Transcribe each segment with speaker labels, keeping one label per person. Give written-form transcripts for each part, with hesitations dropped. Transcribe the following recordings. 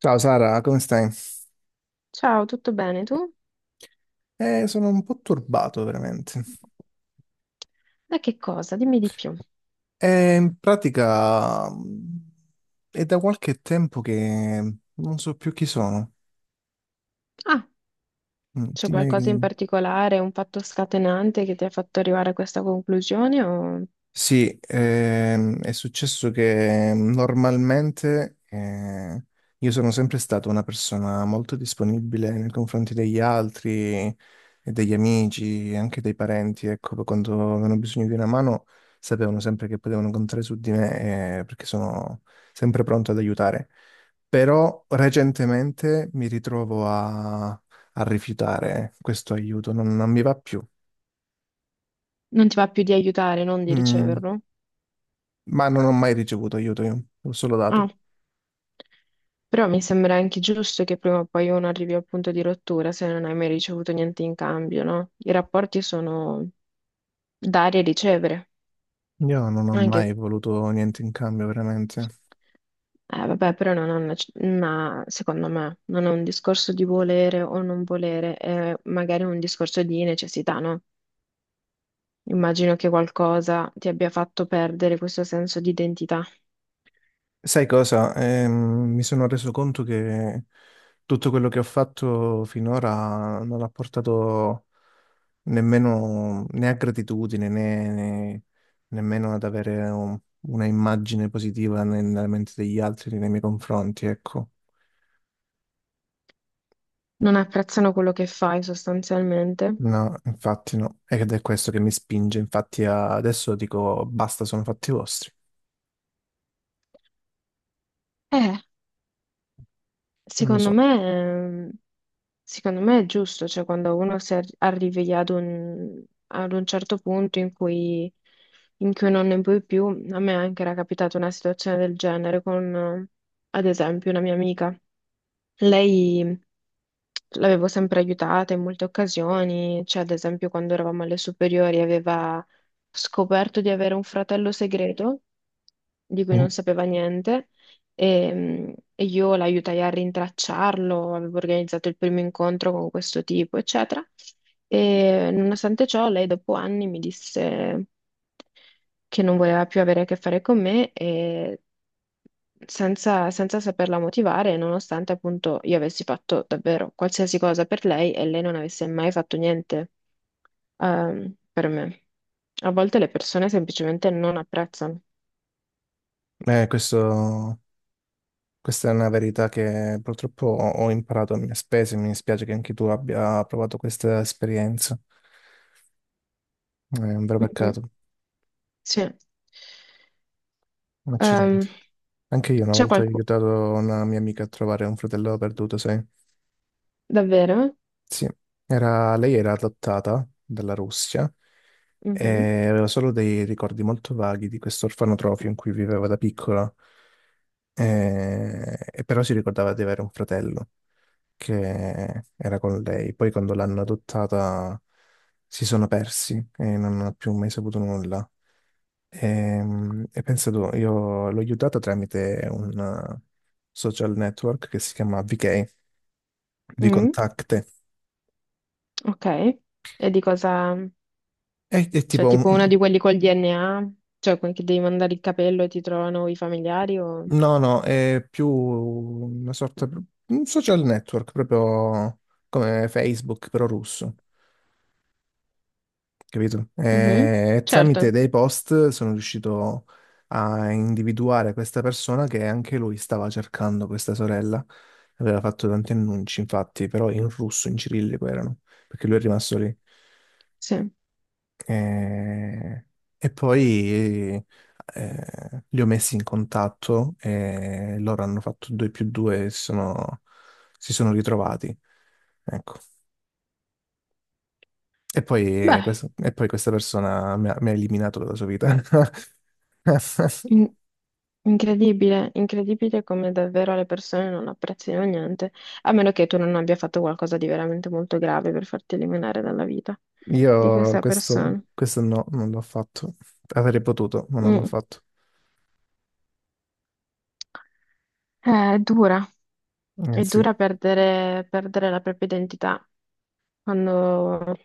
Speaker 1: Ciao Sara, come stai?
Speaker 2: Ciao, tutto bene tu?
Speaker 1: Sono un po' turbato veramente.
Speaker 2: Da che cosa? Dimmi di più.
Speaker 1: In pratica è da qualche tempo che non so più chi sono.
Speaker 2: Ah,
Speaker 1: Mm,
Speaker 2: c'è
Speaker 1: ti- ma-
Speaker 2: qualcosa in particolare, un fatto scatenante che ti ha fatto arrivare a questa conclusione o
Speaker 1: Sì, è successo che normalmente io sono sempre stata una persona molto disponibile nei confronti degli altri, e degli amici, e anche dei parenti, ecco, quando avevano bisogno di una mano sapevano sempre che potevano contare su di me, perché sono sempre pronto ad aiutare. Però recentemente mi ritrovo a rifiutare questo aiuto, non mi va più.
Speaker 2: non ti va più di aiutare, non di
Speaker 1: Mm,
Speaker 2: riceverlo?
Speaker 1: ma non ho mai ricevuto aiuto io, l'ho solo dato.
Speaker 2: Ah, però mi sembra anche giusto che prima o poi uno arrivi al punto di rottura se non hai mai ricevuto niente in cambio, no? I rapporti sono dare e ricevere,
Speaker 1: Io non ho
Speaker 2: anche.
Speaker 1: mai voluto niente in cambio, veramente.
Speaker 2: Vabbè, però non è una, secondo me, non è un discorso di volere o non volere, è magari un discorso di necessità, no? Immagino che qualcosa ti abbia fatto perdere questo senso di identità.
Speaker 1: Sai cosa? Mi sono reso conto che tutto quello che ho fatto finora non ha portato nemmeno né a gratitudine né nemmeno ad avere una immagine positiva nella mente degli altri nei miei confronti, ecco.
Speaker 2: Non apprezzano quello che fai sostanzialmente.
Speaker 1: No, infatti no. Ed è questo che mi spinge, infatti, adesso dico basta, sono fatti vostri.
Speaker 2: Eh,
Speaker 1: Non lo
Speaker 2: secondo
Speaker 1: so.
Speaker 2: me, ehm, secondo me è giusto, cioè quando uno arrivi ad un certo punto in cui non ne puoi più, a me anche era capitata una situazione del genere con, ad esempio, una mia amica. Lei l'avevo sempre aiutata in molte occasioni, cioè ad esempio quando eravamo alle superiori aveva scoperto di avere un fratello segreto di cui
Speaker 1: Mm.
Speaker 2: non sapeva niente e, e io l'aiutai a rintracciarlo, avevo organizzato il primo incontro con questo tipo, eccetera. E nonostante ciò, lei dopo anni mi disse che non voleva più avere a che fare con me e senza, senza saperla motivare, nonostante appunto io avessi fatto davvero qualsiasi cosa per lei e lei non avesse mai fatto niente, per me. A volte le persone semplicemente non apprezzano.
Speaker 1: Questo. Questa è una verità che purtroppo ho imparato a mie spese, mi dispiace che anche tu abbia provato questa esperienza. È un vero
Speaker 2: Mm, mm.
Speaker 1: peccato,
Speaker 2: Sì.
Speaker 1: un accidente.
Speaker 2: Ehm,
Speaker 1: Anche io una
Speaker 2: c'è
Speaker 1: volta ho
Speaker 2: qualcuno...
Speaker 1: aiutato una mia amica a trovare un fratello perduto, sai?
Speaker 2: Davvero?
Speaker 1: Sì, lei era adottata dalla Russia
Speaker 2: Mhm.
Speaker 1: e aveva solo dei ricordi molto vaghi di questo orfanotrofio in cui viveva da piccola, e però si ricordava di avere un fratello che era con lei. Poi quando l'hanno adottata si sono persi e non ho più mai saputo nulla. E, pensa tu, io l'ho aiutata tramite un eh, social network che si chiama VK,
Speaker 2: Mm,
Speaker 1: Vkontakte.
Speaker 2: ok. E di cosa...
Speaker 1: È
Speaker 2: Cioè,
Speaker 1: tipo un...
Speaker 2: tipo uno di quelli col DNA? Cioè, quelli che devi mandare il capello e ti trovano i familiari o...
Speaker 1: No, no, è più una sorta... Un social network, proprio come Facebook, però russo. Capito?
Speaker 2: Mhm,
Speaker 1: E tramite
Speaker 2: certo,
Speaker 1: dei post sono riuscito a individuare questa persona che anche lui stava cercando questa sorella. Aveva fatto tanti annunci, infatti, però in russo, in cirillico erano, perché lui è rimasto lì.
Speaker 2: sì.
Speaker 1: E, e poi li ho messi in contatto e loro hanno fatto 2 più 2 e si sono ritrovati. Ecco. E poi,
Speaker 2: Beh,
Speaker 1: questa, e poi questa persona mi ha eliminato dalla sua vita.
Speaker 2: in- incredibile, incredibile come davvero le persone non apprezzino niente, a meno che tu non abbia fatto qualcosa di veramente molto grave per farti eliminare dalla vita di
Speaker 1: Io
Speaker 2: questa
Speaker 1: questo,
Speaker 2: persona.
Speaker 1: questo no, non l'ho fatto. Avrei potuto, ma non l'ho
Speaker 2: Mm.
Speaker 1: fatto.
Speaker 2: È dura,
Speaker 1: Eh
Speaker 2: è
Speaker 1: sì.
Speaker 2: dura perdere, perdere la propria identità quando,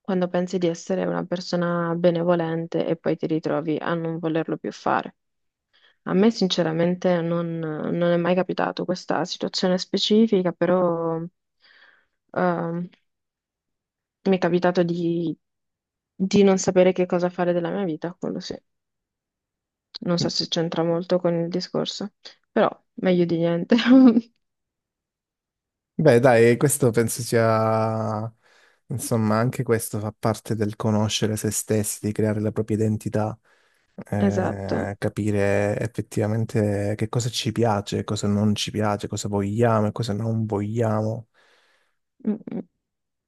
Speaker 2: quando pensi di essere una persona benevolente e poi ti ritrovi a non volerlo più fare. A me sinceramente non, non è mai capitato questa situazione specifica, però ehm, mi è capitato di non sapere che cosa fare della mia vita, quello sì. Non so se c'entra molto con il discorso, però meglio di niente.
Speaker 1: Beh, dai, questo penso sia... Insomma, anche questo fa parte del conoscere se stessi, di creare la propria identità,
Speaker 2: Esatto.
Speaker 1: capire effettivamente che cosa ci piace, cosa non ci piace, cosa vogliamo e cosa non vogliamo.
Speaker 2: Mm, mm.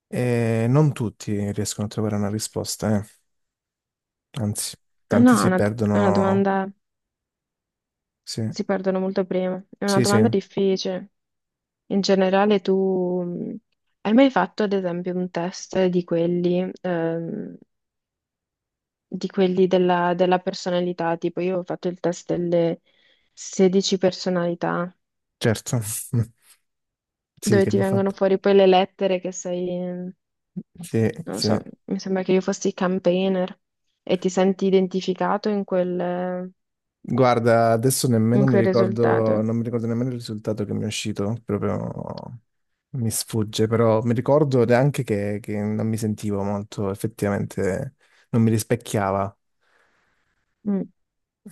Speaker 1: E non tutti riescono a trovare una risposta, eh. Anzi,
Speaker 2: Eh
Speaker 1: tanti
Speaker 2: no,
Speaker 1: si
Speaker 2: è una
Speaker 1: perdono.
Speaker 2: domanda.
Speaker 1: Sì,
Speaker 2: Si perdono molto prima. È una
Speaker 1: sì, sì,
Speaker 2: domanda difficile. In generale, tu hai mai fatto, ad esempio, un test di quelli della, della personalità? Tipo, io ho fatto il test delle 16 personalità,
Speaker 1: certo. Sì,
Speaker 2: dove
Speaker 1: che
Speaker 2: ti
Speaker 1: l'ho
Speaker 2: vengono
Speaker 1: fatto.
Speaker 2: fuori poi le lettere che sei, non
Speaker 1: Sì,
Speaker 2: lo
Speaker 1: sì.
Speaker 2: so, mi sembra che io fossi campaigner e ti senti identificato
Speaker 1: Guarda, adesso
Speaker 2: in
Speaker 1: nemmeno mi
Speaker 2: quel
Speaker 1: ricordo,
Speaker 2: risultato.
Speaker 1: non mi ricordo nemmeno il risultato che mi è uscito, proprio mi sfugge, però mi ricordo neanche che non mi sentivo molto, effettivamente non mi rispecchiava,
Speaker 2: Mm.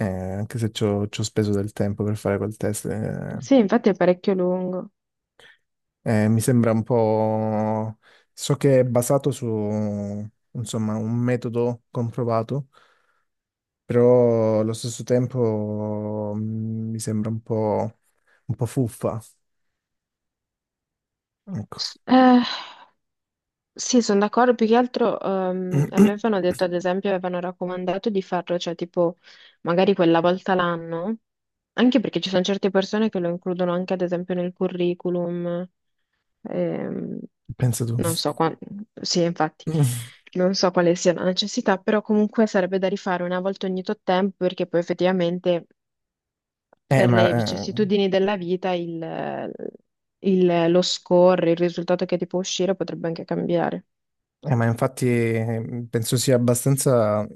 Speaker 1: anche se ci ho speso del tempo per fare quel test. Eh.
Speaker 2: Sì, infatti è parecchio lungo.
Speaker 1: Mi sembra un po'... So che è basato su, insomma, un metodo comprovato, però allo stesso tempo mi sembra un po', fuffa. Ecco.
Speaker 2: Eh, Sì, sono d'accordo, più che altro a me avevano detto, ad esempio, avevano raccomandato di farlo, cioè tipo magari quella volta l'anno, anche perché ci sono certe persone che lo includono anche ad esempio nel curriculum, ehm,
Speaker 1: Pensa tu.
Speaker 2: non so qua- sì, infatti, non so quale sia la necessità, però comunque sarebbe da rifare una volta ogni tot tempo perché poi effettivamente
Speaker 1: Eh,
Speaker 2: per
Speaker 1: ma,
Speaker 2: le
Speaker 1: eh,
Speaker 2: vicissitudini della vita il, lo score, il risultato che ti può uscire potrebbe anche cambiare.
Speaker 1: ma infatti penso sia abbastanza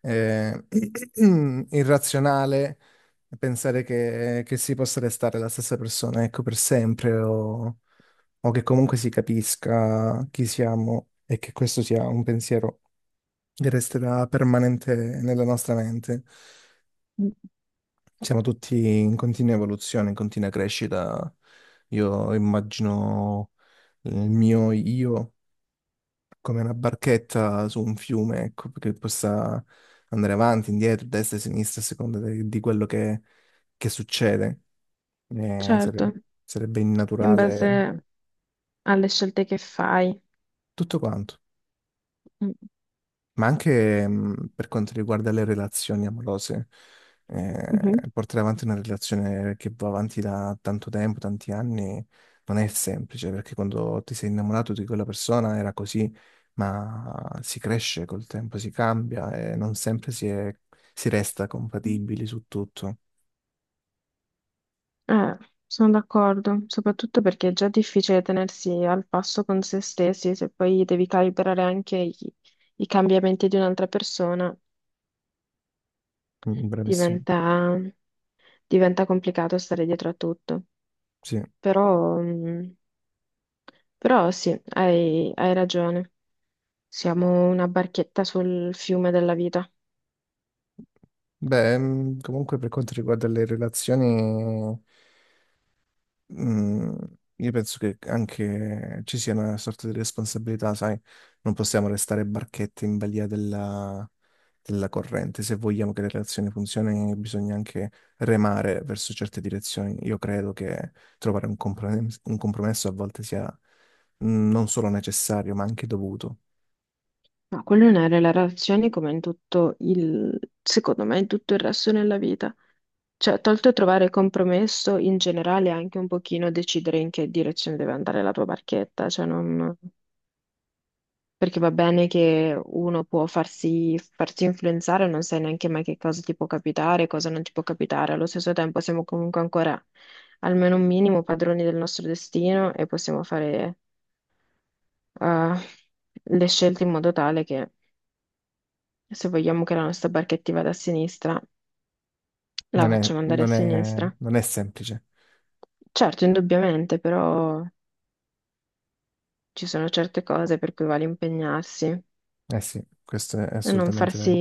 Speaker 1: eh, irrazionale pensare che si possa restare la stessa persona, ecco, per sempre o che comunque si capisca chi siamo e che questo sia un pensiero che resterà permanente nella nostra mente. Siamo tutti in continua evoluzione, in continua crescita. Io immagino il mio io come una barchetta su un fiume, ecco, che possa andare avanti, indietro, destra e sinistra a seconda di quello che succede. Eh,
Speaker 2: Certo,
Speaker 1: sare- sarebbe
Speaker 2: in
Speaker 1: innaturale
Speaker 2: base alle scelte che fai.
Speaker 1: tutto quanto.
Speaker 2: Mm.
Speaker 1: Ma anche per quanto riguarda le relazioni amorose.
Speaker 2: Mhm.
Speaker 1: Portare avanti una relazione che va avanti da tanto tempo, tanti anni, non è semplice, perché quando ti sei innamorato di quella persona era così, ma si cresce col tempo, si cambia e non sempre si resta compatibili su tutto.
Speaker 2: Eh, sono d'accordo, soprattutto perché è già difficile tenersi al passo con se stessi, se poi devi calibrare anche i cambiamenti di un'altra persona,
Speaker 1: Mm, Bravissimo.
Speaker 2: diventa, diventa complicato stare dietro a tutto.
Speaker 1: Sì.
Speaker 2: Però, però sì, hai, hai ragione, siamo una barchetta sul fiume della vita.
Speaker 1: Beh, comunque per quanto riguarda le relazioni. Mm, io penso che anche ci sia una sorta di responsabilità, sai, non possiamo restare barchette in balia della corrente. Se vogliamo che le relazioni funzionino, bisogna anche remare verso certe direzioni. Io credo che trovare un compromesso a volte sia non solo necessario, ma anche dovuto.
Speaker 2: No, quello non è nelle relazioni come in tutto il, secondo me, in tutto il resto della vita. Cioè, tolto trovare compromesso, in generale anche un pochino decidere in che direzione deve andare la tua barchetta, cioè non... Perché va bene che uno può farsi, farsi influenzare, non sai neanche mai che cosa ti può capitare, cosa non ti può capitare. Allo stesso tempo siamo comunque ancora, almeno un minimo, padroni del nostro destino e possiamo fare eh, le scelte in modo tale che se vogliamo che la nostra barchetta vada a sinistra, la
Speaker 1: Non è,
Speaker 2: facciamo andare a
Speaker 1: non
Speaker 2: sinistra.
Speaker 1: è, non è semplice.
Speaker 2: Certo, indubbiamente, però ci sono certe cose per cui vale impegnarsi
Speaker 1: Eh sì, questo è
Speaker 2: non
Speaker 1: assolutamente
Speaker 2: farsi,
Speaker 1: vero.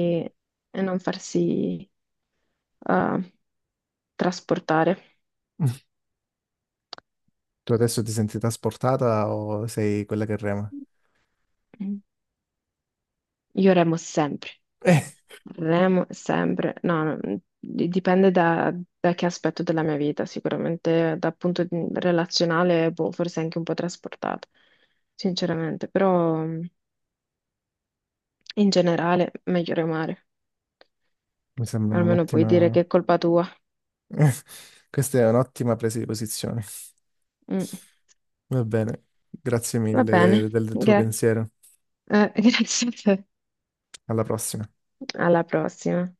Speaker 2: e non farsi eh, trasportare.
Speaker 1: Tu adesso ti senti trasportata o sei quella che rema?
Speaker 2: Io remo sempre, remo sempre. No, no, dipende da, da che aspetto della mia vita, sicuramente dal relazionale, boh, forse anche un po' trasportato, sinceramente, però... In generale, meglio remare,
Speaker 1: Mi sembra
Speaker 2: almeno puoi dire
Speaker 1: un'ottima...
Speaker 2: che è colpa tua.
Speaker 1: Questa è un'ottima presa di posizione.
Speaker 2: Mm.
Speaker 1: Va bene, grazie
Speaker 2: Va
Speaker 1: mille
Speaker 2: bene,
Speaker 1: del tuo pensiero.
Speaker 2: Grazie a te.
Speaker 1: Alla prossima.
Speaker 2: Alla prossima.